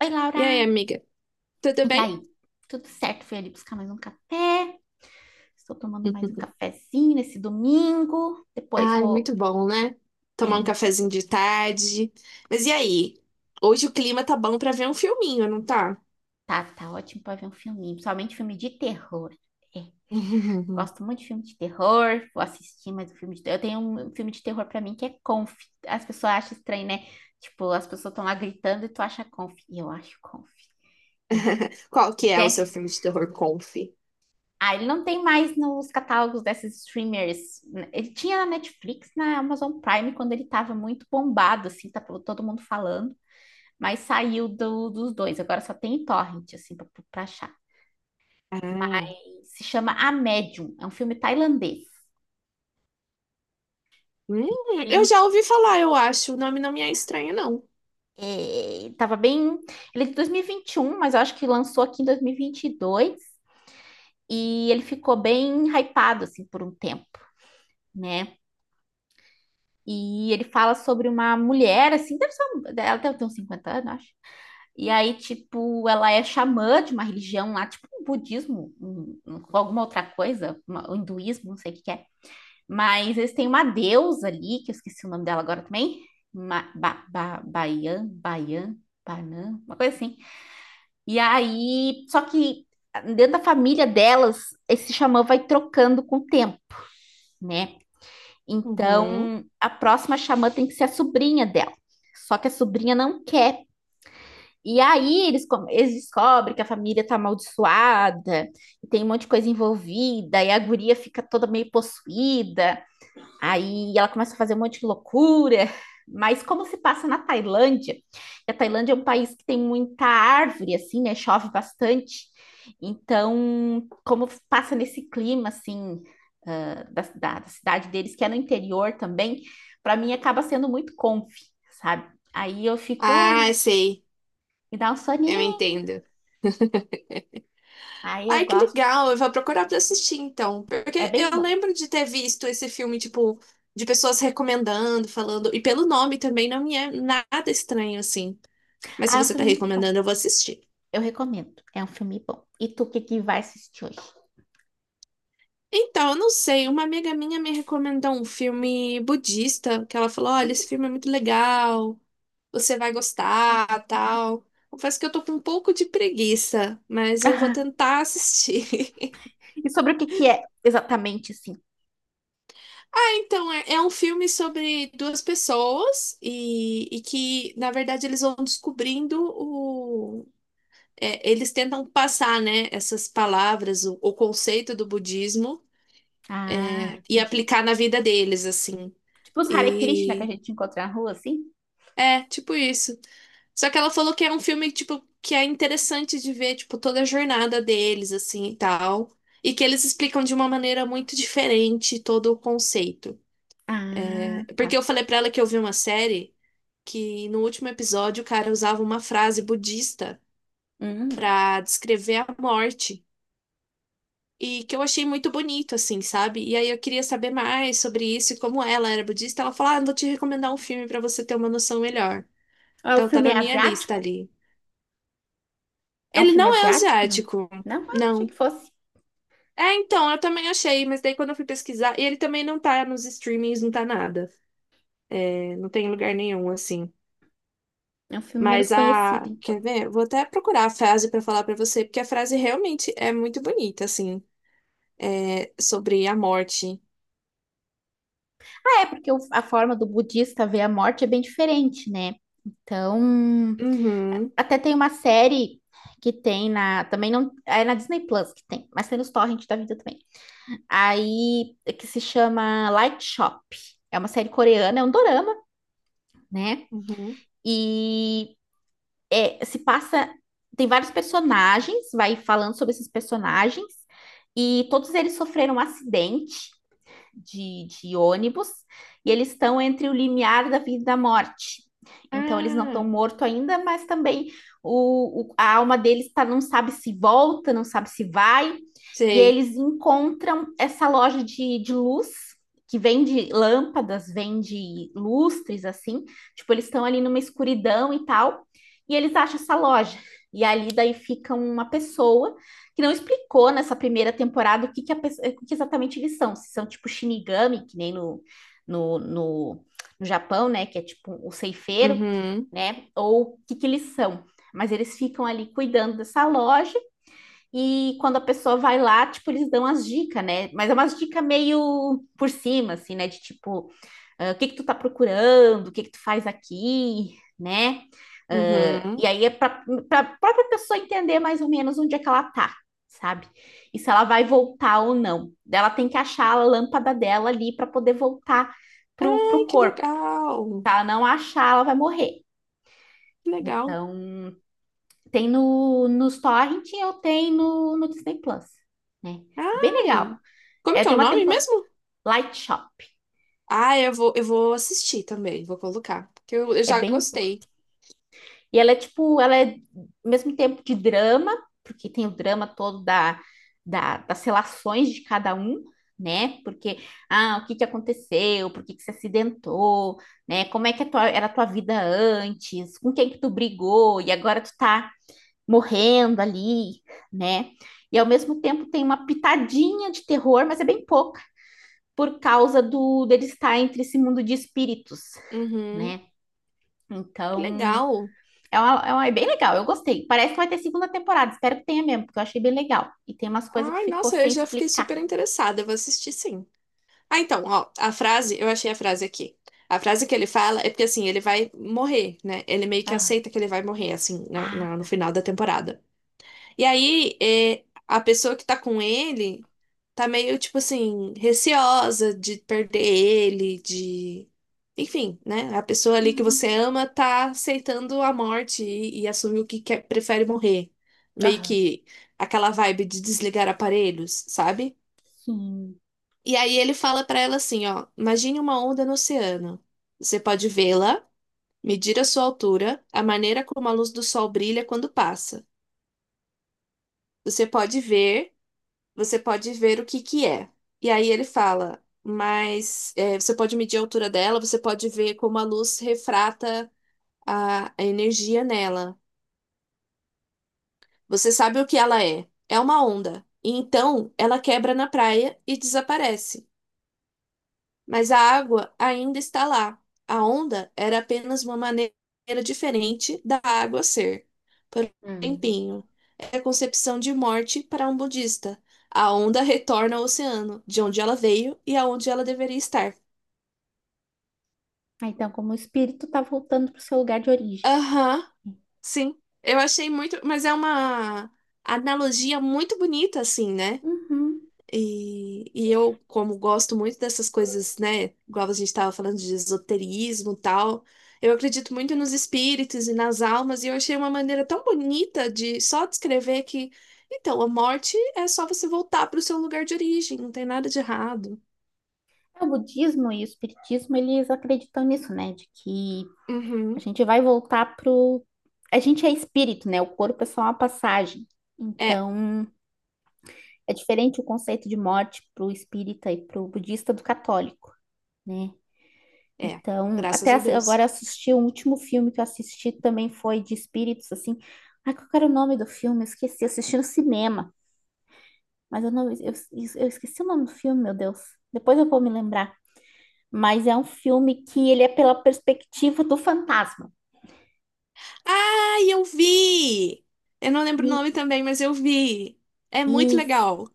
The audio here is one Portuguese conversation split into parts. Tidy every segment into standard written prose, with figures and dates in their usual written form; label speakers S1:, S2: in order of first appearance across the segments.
S1: Oi,
S2: E
S1: Laura!
S2: aí, amiga? Tudo
S1: E
S2: bem?
S1: aí? Tudo certo? Fui ali buscar mais um café. Estou tomando mais um cafezinho nesse domingo. Depois
S2: Ai,
S1: vou.
S2: muito bom, né?
S1: É
S2: Tomar um
S1: muito.
S2: cafezinho de tarde. Mas e aí? Hoje o clima tá bom pra ver um filminho, não tá?
S1: Tá, tá ótimo para ver um filminho, principalmente filme de terror. É, gosto muito de filme de terror. Vou assistir mais um filme de terror. Eu tenho um filme de terror para mim que é Conf. As pessoas acham estranho, né? Tipo, as pessoas estão lá gritando e tu acha Conf. E eu acho Conf.
S2: Qual que é o
S1: Tem.
S2: seu filme de terror conf?
S1: Ah, ele não tem mais nos catálogos desses streamers. Ele tinha na Netflix, na Amazon Prime, quando ele estava muito bombado, assim, tá todo mundo falando, mas saiu dos dois. Agora só tem em torrent, assim, pra achar.
S2: Ah,
S1: Mas se chama A Medium, é um filme tailandês.
S2: hum, eu
S1: Ele
S2: já ouvi falar, eu acho. O nome não me é estranho, não.
S1: Tava bem. Ele é de 2021, mas eu acho que lançou aqui em 2022 e vinte e dois. E ele ficou bem hypado, assim, por um tempo, né? E ele fala sobre uma mulher, assim, deve ser, ela deve ter uns 50 anos, acho. E aí, tipo, ela é xamã de uma religião lá, tipo um budismo, alguma outra coisa, um hinduísmo, não sei o que que é. Mas eles têm uma deusa ali, que eu esqueci o nome dela agora também. Ma, ba, ba, Baian, Baian, Banan, uma coisa assim. E aí, só que dentro da família delas, esse xamã vai trocando com o tempo, né?
S2: Uhum.
S1: Então, a próxima xamã tem que ser a sobrinha dela. Só que a sobrinha não quer. E aí eles, eles descobrem que a família tá amaldiçoada, e tem um monte de coisa envolvida, e a guria fica toda meio possuída. Aí ela começa a fazer um monte de loucura, mas como se passa na Tailândia, e a Tailândia é um país que tem muita árvore, assim, né? Chove bastante. Então, como passa nesse clima, assim, ah, da cidade deles, que é no interior também, para mim acaba sendo muito comfy, sabe? Aí eu fico,
S2: Ah,
S1: é,
S2: sei.
S1: me dá um
S2: Eu
S1: soninho.
S2: entendo.
S1: Aí eu
S2: Ai, que
S1: gosto,
S2: legal, eu vou procurar pra assistir então,
S1: é
S2: porque
S1: bem
S2: eu
S1: bom.
S2: lembro de ter visto esse filme, tipo, de pessoas recomendando, falando, e pelo nome também não me é nada estranho assim, mas se
S1: Ah, é um
S2: você tá
S1: filme muito bom.
S2: recomendando, eu vou assistir.
S1: Eu recomendo, é um filme bom. E tu, o que que vai assistir hoje?
S2: Então, eu não sei, uma amiga minha me recomendou um filme budista, que ela falou, olha, esse
S1: Putz.
S2: filme é muito legal, você vai gostar, tal. Confesso que eu tô com um pouco de preguiça, mas eu vou tentar assistir.
S1: E sobre o que que é exatamente assim?
S2: Então, é um filme sobre duas pessoas e que, na verdade, eles vão descobrindo o. É, eles tentam passar, né, essas palavras, o conceito do budismo,
S1: Ah,
S2: e
S1: entendi.
S2: aplicar na vida deles, assim.
S1: Tipo os Hare Krishna que a
S2: E
S1: gente encontra na rua, assim?
S2: é, tipo isso. Só que ela falou que é um filme, tipo, que é interessante de ver, tipo, toda a jornada deles, assim, e tal. E que eles explicam de uma maneira muito diferente todo o conceito. É.
S1: Ah, tá.
S2: Porque eu falei pra ela que eu vi uma série que no último episódio o cara usava uma frase budista
S1: Hum.
S2: para descrever a morte. E que eu achei muito bonito, assim, sabe? E aí eu queria saber mais sobre isso e como ela era budista. Ela falou: Ah, vou te recomendar um filme para você ter uma noção melhor.
S1: Ah, o
S2: Então tá
S1: filme
S2: na
S1: é
S2: minha lista
S1: asiático?
S2: ali.
S1: É um
S2: Ele
S1: filme
S2: não é
S1: asiático? Não.
S2: asiático,
S1: Não, ah, achei que
S2: não.
S1: fosse.
S2: É, então, eu também achei, mas daí quando eu fui pesquisar, e ele também não tá nos streamings, não tá nada. É, não tem em lugar nenhum, assim.
S1: É um filme menos
S2: Mas
S1: conhecido,
S2: a.
S1: então.
S2: Quer ver? Vou até procurar a frase para falar para você, porque a frase realmente é muito bonita, assim. É sobre a morte.
S1: Ah, é, porque a forma do budista ver a morte é bem diferente, né? Então,
S2: Uhum,
S1: até tem uma série que tem na. Também não. É na Disney Plus que tem, mas tem nos torrent da vida também. Aí, que se chama Light Shop. É uma série coreana, é um dorama, né?
S2: uhum.
S1: E é, se passa. Tem vários personagens, vai falando sobre esses personagens, e todos eles sofreram um acidente de ônibus e eles estão entre o limiar da vida e da morte. Então, eles não estão
S2: Ah,
S1: mortos ainda, mas também a alma deles tá, não sabe se volta, não sabe se vai. E
S2: sei.
S1: eles encontram essa loja de luz, que vende lâmpadas, vende lustres, assim. Tipo, eles estão ali numa escuridão e tal. E eles acham essa loja. E ali daí fica uma pessoa que não explicou nessa primeira temporada o que exatamente eles são. Se são tipo Shinigami, que nem no, no, no Japão, né? Que é tipo o ceifeiro,
S2: Uhum,
S1: né? Ou o que, que eles são. Mas eles ficam ali cuidando dessa loja e quando a pessoa vai lá, tipo, eles dão as dicas, né? Mas é umas dicas meio por cima, assim, né? De tipo, ah, o que que tu tá procurando, o que que tu faz aqui, né? Ah,
S2: uhum.
S1: e aí é para a própria pessoa entender mais ou menos onde é que ela tá, sabe? E se ela vai voltar ou não. Daí ela tem que achar a lâmpada dela ali para poder voltar pro
S2: Ai, que
S1: corpo.
S2: legal.
S1: Se ela não achar, ela vai morrer.
S2: Que legal.
S1: Então, tem no, nos Torrent ou tem no Disney Plus, né? É bem legal.
S2: Ai. Como
S1: É,
S2: que é
S1: tem
S2: o
S1: uma
S2: nome
S1: temporada.
S2: mesmo?
S1: Light Shop.
S2: Ah, eu vou assistir também, vou colocar. Porque eu
S1: É
S2: já gostei.
S1: E ela é tipo, ela é ao mesmo tempo de drama, porque tem o drama todo das relações de cada um, né? Porque, ah, o que que aconteceu? Por que que se acidentou? Né? Como é que era a tua vida antes? Com quem que tu brigou? E agora tu tá morrendo ali, né? E ao mesmo tempo tem uma pitadinha de terror, mas é bem pouca, por causa do dele estar entre esse mundo de espíritos,
S2: Uhum.
S1: né?
S2: Que
S1: Então,
S2: legal.
S1: bem legal, eu gostei. Parece que vai ter segunda temporada, espero que tenha mesmo, porque eu achei bem legal. E tem umas coisas que
S2: Ai,
S1: ficou
S2: nossa, eu
S1: sem
S2: já fiquei
S1: explicar.
S2: super interessada. Eu vou assistir sim. Ah, então, ó, a frase, eu achei a frase aqui. A frase que ele fala é porque, assim, ele vai morrer, né? Ele meio que
S1: Ah,
S2: aceita que ele vai morrer, assim,
S1: ah
S2: no
S1: tá.
S2: final da temporada. E aí, é, a pessoa que tá com ele tá meio, tipo assim, receosa de perder ele, de... Enfim, né? A pessoa ali que você
S1: Uhum.
S2: ama tá aceitando a morte e assume o que quer, prefere morrer. Meio
S1: Ah,
S2: que aquela vibe de desligar aparelhos, sabe?
S1: sim.
S2: E aí ele fala pra ela assim, ó, imagine uma onda no oceano. Você pode vê-la, medir a sua altura, a maneira como a luz do sol brilha quando passa. Você pode ver, você pode ver o que que é. E aí ele fala, mas é, você pode medir a altura dela, você pode ver como a luz refrata a energia nela. Você sabe o que ela é? É uma onda. E então ela quebra na praia e desaparece. Mas a água ainda está lá. A onda era apenas uma maneira diferente da água ser. Por um
S1: Uhum.
S2: tempinho, é a concepção de morte para um budista. A onda retorna ao oceano, de onde ela veio e aonde ela deveria estar.
S1: Ah, então, como o espírito tá voltando pro seu lugar de origem.
S2: Aham, sim. Eu achei muito, mas é uma analogia muito bonita, assim, né?
S1: Uhum.
S2: E eu, como gosto muito dessas coisas, né? Igual a gente estava falando de esoterismo e tal, eu acredito muito nos espíritos e nas almas, e eu achei uma maneira tão bonita de só descrever que, então, a morte é só você voltar para o seu lugar de origem, não tem nada de errado.
S1: O budismo e o espiritismo, eles acreditam nisso, né? De que a
S2: Uhum.
S1: gente vai voltar pro... A gente é espírito, né? O corpo é só uma passagem.
S2: É,
S1: Então, é diferente o conceito de morte pro espírita e pro budista do católico, né?
S2: é,
S1: Então,
S2: graças a Deus.
S1: agora eu assisti, o último filme que eu assisti também foi de espíritos, assim. Ai, qual era o nome do filme? Eu esqueci, eu assisti no cinema. Mas eu não, eu esqueci o nome do filme, meu Deus. Depois eu vou me lembrar. Mas é um filme que ele é pela perspectiva do fantasma.
S2: Ai, eu vi! Eu não lembro o
S1: E,
S2: nome também, mas eu vi. É muito
S1: e
S2: legal.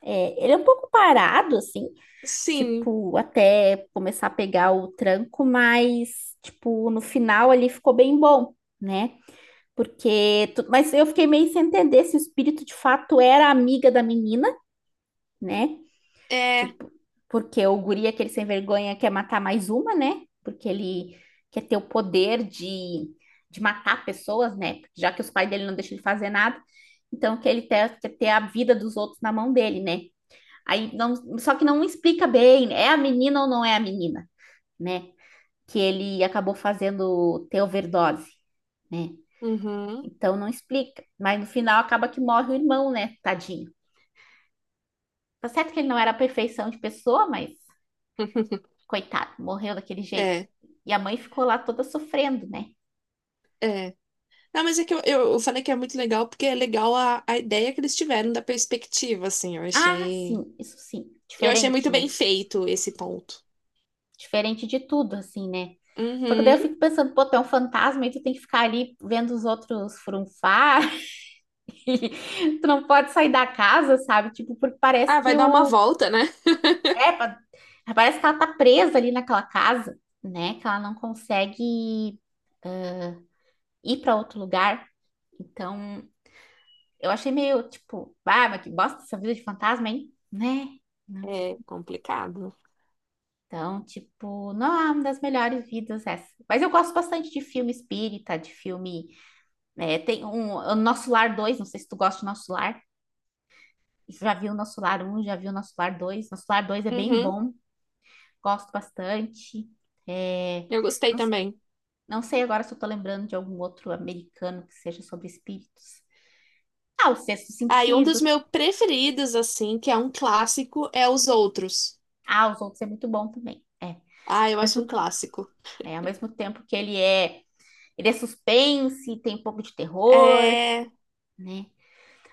S1: ele é um pouco parado, assim,
S2: Sim,
S1: tipo, até começar a pegar o tranco, mas, tipo, no final ali ficou bem bom, né? Porque, mas eu fiquei meio sem entender se o espírito de fato era amiga da menina, né?
S2: é.
S1: Tipo, porque o guri, é aquele sem vergonha, quer matar mais uma, né? Porque ele quer ter o poder de matar pessoas, né? Já que os pais dele não deixam ele fazer nada, então que ele quer ter a vida dos outros na mão dele, né? Aí não, só que não explica bem, é a menina ou não é a menina, né? Que ele acabou fazendo ter overdose, né?
S2: Uhum.
S1: Então não explica, mas no final acaba que morre o irmão, né? Tadinho. Tá certo que ele não era a perfeição de pessoa, mas coitado, morreu daquele jeito.
S2: É,
S1: E a mãe ficou lá toda sofrendo, né?
S2: é. Não, mas é que eu falei que é muito legal porque é legal a ideia que eles tiveram da perspectiva, assim. Eu
S1: Ah,
S2: achei.
S1: sim, isso sim.
S2: Eu achei muito
S1: Diferente, né?
S2: bem feito esse ponto.
S1: Diferente de tudo, assim, né? Só que daí eu
S2: Uhum.
S1: fico pensando, pô, tu é um fantasma e tu tem que ficar ali vendo os outros frunfar. e tu não pode sair da casa, sabe? Tipo, porque parece
S2: Ah, vai
S1: que
S2: dar uma
S1: o.
S2: volta, né?
S1: É, parece que ela tá presa ali naquela casa, né? Que ela não consegue ir para outro lugar. Então, eu achei meio tipo, ah, mas que bosta essa vida de fantasma, hein? Né?
S2: É complicado.
S1: Então, tipo, não é uma das melhores vidas essa. Mas eu gosto bastante de filme espírita, de filme. Né, tem um, o Nosso Lar dois. Não sei se tu gosta do Nosso Lar. Já vi o Nosso Lar um, já vi o Nosso Lar dois. Nosso Lar dois é bem
S2: Uhum.
S1: bom, gosto bastante. É,
S2: Eu gostei
S1: não,
S2: também.
S1: não sei agora se eu tô lembrando de algum outro americano que seja sobre espíritos. Ah, O Sexto
S2: Ah, e um dos
S1: Sentido.
S2: meus preferidos, assim, que é um clássico, é Os Outros.
S1: Ah, Os Outros é muito bom também.
S2: Ah, eu acho um
S1: Mesmo,
S2: clássico.
S1: ao mesmo tempo que ele é. Ele é suspense, tem um pouco de terror,
S2: É.
S1: né?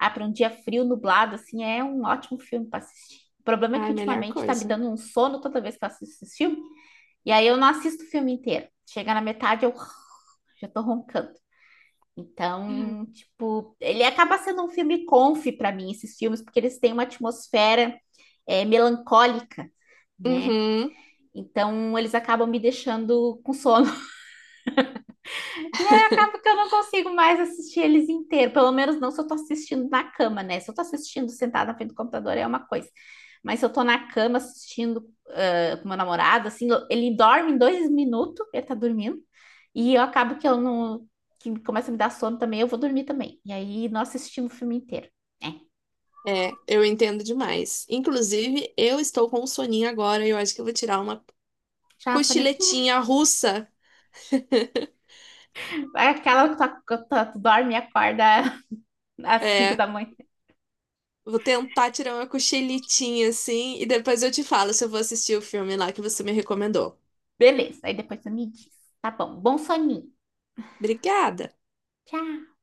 S1: Ah, para um dia frio, nublado, assim, é um ótimo filme para assistir. O problema é que
S2: Ai, melhor
S1: ultimamente tá me
S2: coisa.
S1: dando um sono toda vez que eu assisto esse filme, e aí eu não assisto o filme inteiro. Chega na metade, eu já tô roncando. Então, tipo, ele acaba sendo um filme comfy para mim, esses filmes, porque eles têm uma atmosfera é, melancólica, né?
S2: Uhum.
S1: Então, eles acabam me deixando com sono. E aí acaba que eu não consigo mais assistir eles inteiro. Pelo menos não se eu tô assistindo na cama, né? Se eu tô assistindo sentada na frente do computador é uma coisa. Mas se eu tô na cama assistindo ah, com meu namorado, assim, ele dorme em 2 minutos, ele tá dormindo. E eu acabo que eu não... Que começa a me dar sono também, eu vou dormir também. E aí nós assistimos o filme inteiro. É,
S2: É, eu entendo demais. Inclusive, eu estou com um soninho agora e eu acho que eu vou tirar uma
S1: já a sonequinha.
S2: cochiletinha russa.
S1: É aquela que tu dorme e acorda às cinco
S2: É,
S1: da manhã.
S2: vou tentar tirar uma cochiletinha assim e depois eu te falo se eu vou assistir o filme lá que você me recomendou.
S1: Beleza, aí depois tu me diz. Tá bom, bom soninho.
S2: Obrigada!
S1: Tchau.